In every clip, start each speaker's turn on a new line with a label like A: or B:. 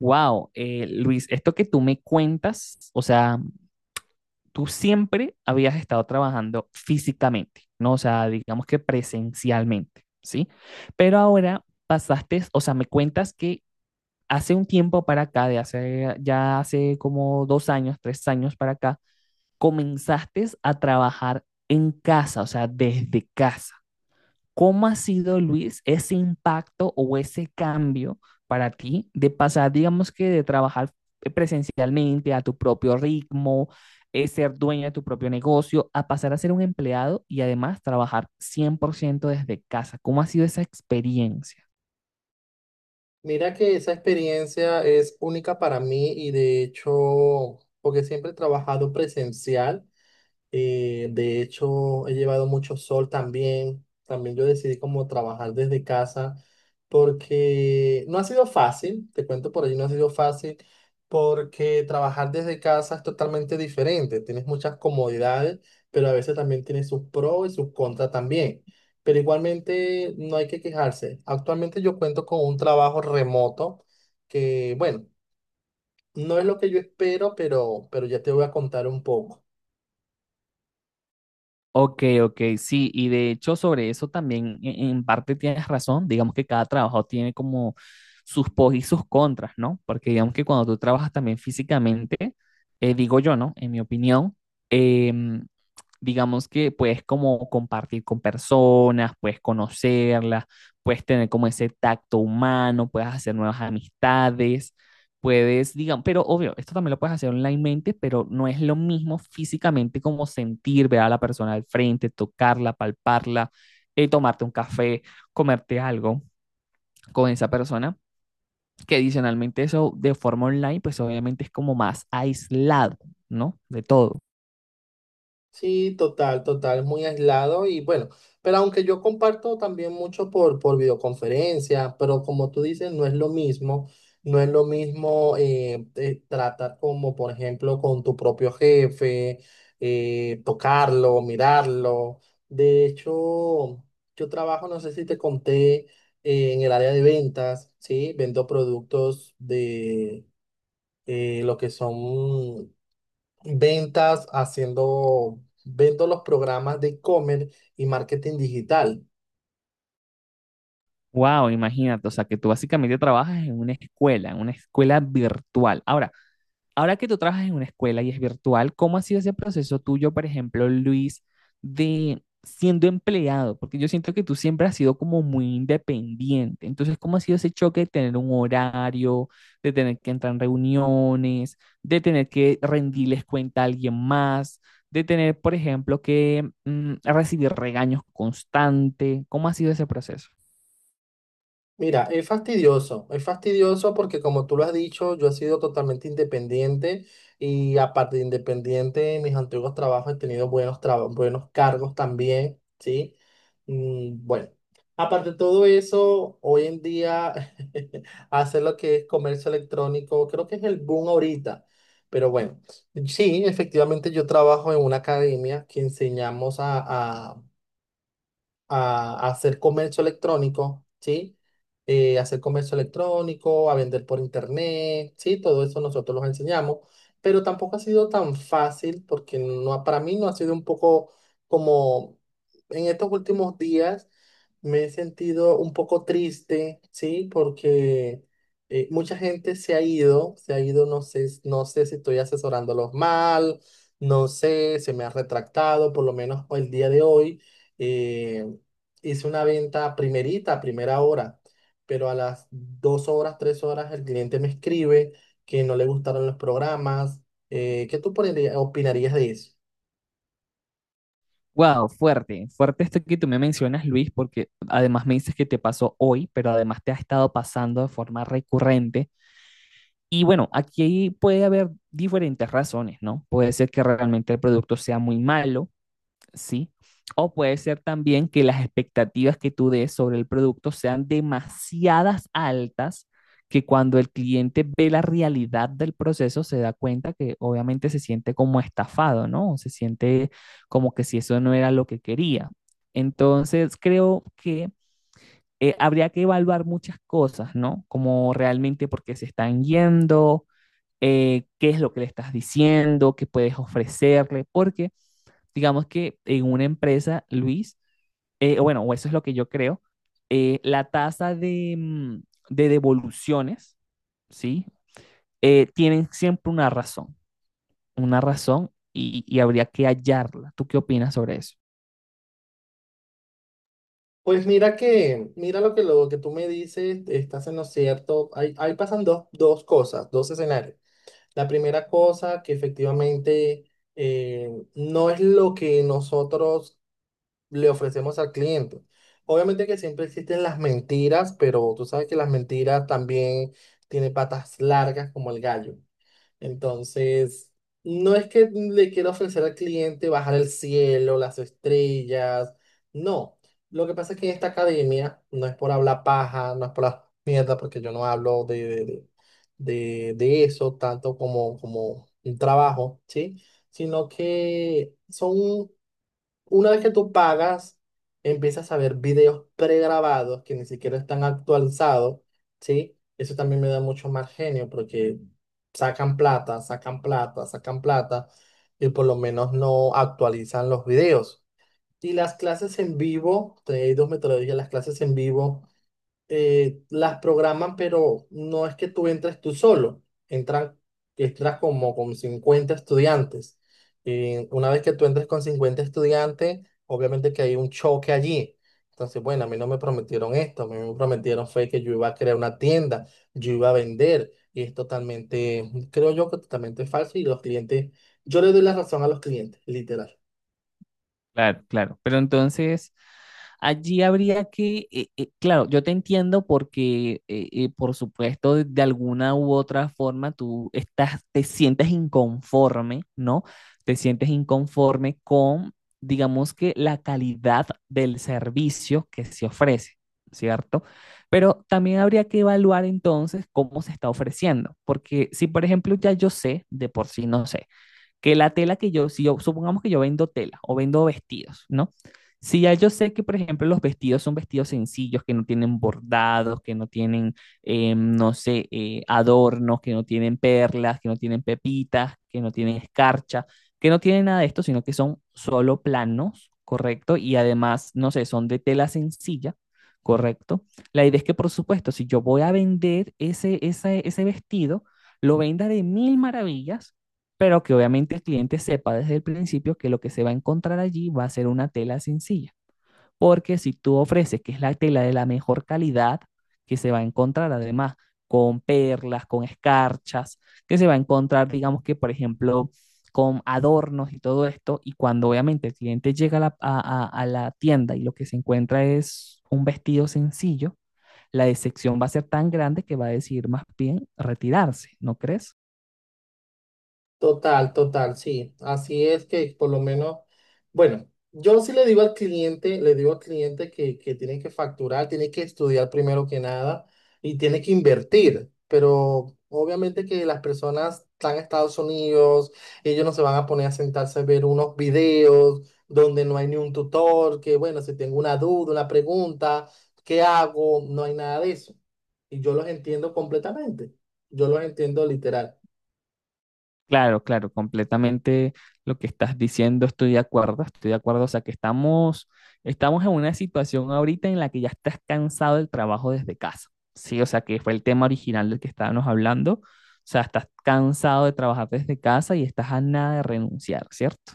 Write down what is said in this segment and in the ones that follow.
A: Wow, Luis, esto que tú me cuentas, o sea, tú siempre habías estado trabajando físicamente, ¿no? O sea, digamos que presencialmente, ¿sí? Pero ahora pasaste, o sea, me cuentas que hace un tiempo para acá, de hace, ya hace como 2 años, 3 años para acá, comenzaste a trabajar en casa, o sea, desde casa. ¿Cómo ha sido, Luis, ese impacto o ese cambio para ti de pasar, digamos que de trabajar presencialmente a tu propio ritmo, ser dueño de tu propio negocio, a pasar a ser un empleado y además trabajar 100% desde casa? ¿Cómo ha sido esa experiencia?
B: Mira que esa experiencia es única para mí y de hecho, porque siempre he trabajado presencial. De hecho, he llevado mucho sol también. También yo decidí como trabajar desde casa porque no ha sido fácil, te cuento por allí, no ha sido fácil porque trabajar desde casa es totalmente diferente. Tienes muchas comodidades, pero a veces también tiene sus pros y sus contras también. Pero igualmente no hay que quejarse. Actualmente yo cuento con un trabajo remoto que, bueno, no es lo que yo espero, pero ya te voy a contar un poco.
A: Ok, ok, sí, y de hecho sobre eso también en parte tienes razón, digamos que cada trabajo tiene como sus pos y sus contras, ¿no? Porque digamos que cuando tú trabajas también físicamente, digo yo, ¿no? En mi opinión, em, digamos que puedes como compartir con personas, puedes conocerlas, puedes tener como ese tacto humano, puedes hacer nuevas amistades, puedes, digamos, pero obvio, esto también lo puedes hacer onlinemente, pero no es lo mismo físicamente como sentir, ver a la persona al frente, tocarla, palparla, tomarte un café, comerte algo con esa persona, que adicionalmente eso de forma online, pues obviamente es como más aislado, ¿no? De todo.
B: Sí, total, total, muy aislado y bueno, pero aunque yo comparto también mucho por videoconferencia, pero como tú dices, no es lo mismo, no es lo mismo tratar como, por ejemplo, con tu propio jefe, tocarlo, mirarlo. De hecho, yo trabajo, no sé si te conté, en el área de ventas, ¿sí? Vendo productos de lo que son ventas, haciendo, vendo los programas de e-commerce y marketing digital.
A: Wow, imagínate, o sea, que tú básicamente trabajas en una escuela virtual. Ahora, ahora que tú trabajas en una escuela y es virtual, ¿cómo ha sido ese proceso tuyo, por ejemplo, Luis, de siendo empleado? Porque yo siento que tú siempre has sido como muy independiente. Entonces, ¿cómo ha sido ese choque de tener un horario, de tener que entrar en reuniones, de tener que rendirles cuenta a alguien más, de tener, por ejemplo, que recibir regaños constantes? ¿Cómo ha sido ese proceso?
B: Mira, es fastidioso porque como tú lo has dicho, yo he sido totalmente independiente y aparte de independiente, en mis antiguos trabajos he tenido buenos, buenos cargos también, ¿sí? Bueno, aparte de todo eso, hoy en día hacer lo que es comercio electrónico, creo que es el boom ahorita, pero bueno, sí, efectivamente yo trabajo en una academia que enseñamos a hacer comercio electrónico, ¿sí? Hacer comercio electrónico, a vender por internet, ¿sí? Todo eso nosotros los enseñamos, pero tampoco ha sido tan fácil porque no, para mí no ha sido un poco como en estos últimos días me he sentido un poco triste, ¿sí? Porque mucha gente se ha ido, no sé si estoy asesorándolos mal, no sé, se me ha retractado, por lo menos el día de hoy. eh, hice una venta primerita, a primera hora, pero a las 2 horas, 3 horas, el cliente me escribe que no le gustaron los programas. ¿Qué tú opinarías de eso?
A: Wow, fuerte, fuerte esto que tú me mencionas, Luis, porque además me dices que te pasó hoy, pero además te ha estado pasando de forma recurrente. Y bueno, aquí puede haber diferentes razones, ¿no? Puede ser que realmente el producto sea muy malo, ¿sí? O puede ser también que las expectativas que tú des sobre el producto sean demasiadas altas que cuando el cliente ve la realidad del proceso se da cuenta que obviamente se siente como estafado, ¿no? Se siente como que si eso no era lo que quería. Entonces, creo que habría que evaluar muchas cosas, ¿no? Como realmente por qué se están yendo, qué es lo que le estás diciendo, qué puedes ofrecerle, porque digamos que en una empresa, Luis, bueno, o eso es lo que yo creo, la tasa de, de devoluciones, ¿sí? Tienen siempre una razón y habría que hallarla. ¿Tú qué opinas sobre eso?
B: Pues mira que, lo que tú me dices, estás en lo cierto. Ahí, pasan dos cosas, dos escenarios. La primera cosa que efectivamente no es lo que nosotros le ofrecemos al cliente. Obviamente que siempre existen las mentiras, pero tú sabes que las mentiras también tienen patas largas como el gallo. Entonces, no es que le quiera ofrecer al cliente bajar el cielo, las estrellas, no. Lo que pasa es que en esta academia no es por hablar paja, no es por la mierda, porque yo no hablo de eso tanto como, un trabajo, ¿sí? Sino que son una vez que tú pagas, empiezas a ver videos pregrabados que ni siquiera están actualizados, ¿sí? Eso también me da mucho más genio porque sacan plata, sacan plata, sacan plata y por lo menos no actualizan los videos. Y las clases en vivo, hay dos metodologías, las clases en vivo las programan, pero no es que tú entres tú solo, entran, entras como con 50 estudiantes. Y una vez que tú entres con 50 estudiantes, obviamente que hay un choque allí. Entonces, bueno, a mí no me prometieron esto, a mí me prometieron fue que yo iba a crear una tienda, yo iba a vender, y es totalmente, creo yo que totalmente falso, y los clientes, yo le doy la razón a los clientes, literal.
A: Claro, claro. Pero entonces, allí habría que, claro, yo te entiendo porque, por supuesto, de alguna u otra forma tú estás, te sientes inconforme, ¿no? Te sientes inconforme con, digamos que, la calidad del servicio que se ofrece, ¿cierto? Pero también habría que evaluar entonces cómo se está ofreciendo, porque si, por ejemplo, ya yo sé, de por sí no sé que la tela que yo, si yo, supongamos que yo vendo tela o vendo vestidos, ¿no? Si ya yo sé que, por ejemplo, los vestidos son vestidos sencillos, que no tienen bordados, que no tienen, no sé, adornos, que no tienen perlas, que no tienen pepitas, que no tienen escarcha, que no tienen nada de esto, sino que son solo planos, ¿correcto? Y además, no sé, son de tela sencilla, ¿correcto? La idea es que, por supuesto, si yo voy a vender ese vestido, lo venda de mil maravillas pero que obviamente el cliente sepa desde el principio que lo que se va a encontrar allí va a ser una tela sencilla, porque si tú ofreces que es la tela de la mejor calidad, que se va a encontrar además con perlas, con escarchas, que se va a encontrar, digamos que, por ejemplo, con adornos y todo esto, y cuando obviamente el cliente llega a la, a la tienda y lo que se encuentra es un vestido sencillo, la decepción va a ser tan grande que va a decidir más bien retirarse, ¿no crees?
B: Total, total, sí. Así es que por lo menos, bueno, yo sí le digo al cliente, le digo al cliente que tiene que facturar, tiene que estudiar primero que nada y tiene que invertir. Pero obviamente que las personas están en Estados Unidos, ellos no se van a poner a sentarse a ver unos videos donde no hay ni un tutor, que bueno, si tengo una duda, una pregunta, ¿qué hago? No hay nada de eso. Y yo los entiendo completamente. Yo los entiendo literal.
A: Claro, claro, completamente lo que estás diciendo, estoy de acuerdo, estoy de acuerdo. O sea, que estamos, estamos en una situación ahorita en la que ya estás cansado del trabajo desde casa. Sí, o sea, que fue el tema original del que estábamos hablando. O sea, estás cansado de trabajar desde casa y estás a nada de renunciar, ¿cierto?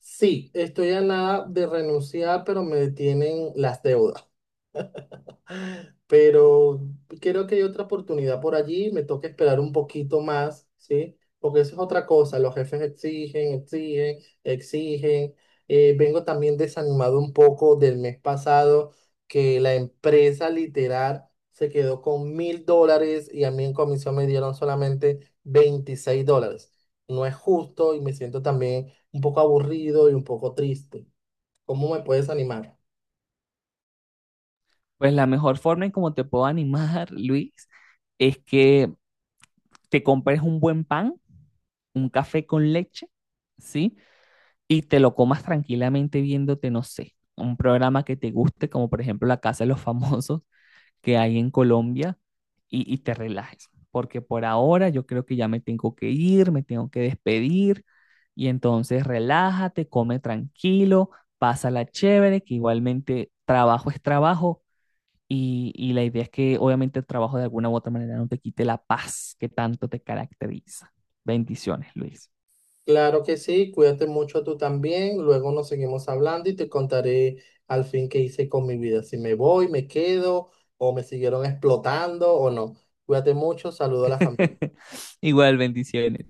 B: Sí, estoy a nada de renunciar, pero me detienen las deudas. Pero creo que hay otra oportunidad por allí, me toca esperar un poquito más, ¿sí? Porque eso es otra cosa, los jefes exigen, exigen, exigen. Vengo también desanimado un poco del mes pasado, que la empresa literal se quedó con 1.000 dólares y a mí en comisión me dieron solamente 26 dólares. No es justo y me siento también un poco aburrido y un poco triste. ¿Cómo me puedes animar?
A: Pues la mejor forma en cómo te puedo animar, Luis, es que te compres un buen pan, un café con leche, ¿sí? Y te lo comas tranquilamente viéndote, no sé, un programa que te guste, como por ejemplo La Casa de los Famosos que hay en Colombia, y te relajes. Porque por ahora yo creo que ya me tengo que ir, me tengo que despedir, y entonces relájate, come tranquilo, pásala chévere, que igualmente trabajo es trabajo. Y la idea es que obviamente el trabajo de alguna u otra manera no te quite la paz que tanto te caracteriza. Bendiciones, Luis.
B: Claro que sí, cuídate mucho tú también, luego nos seguimos hablando y te contaré al fin qué hice con mi vida, si me voy, me quedo o me siguieron explotando o no. Cuídate mucho, saludo a la familia.
A: Igual, bendiciones.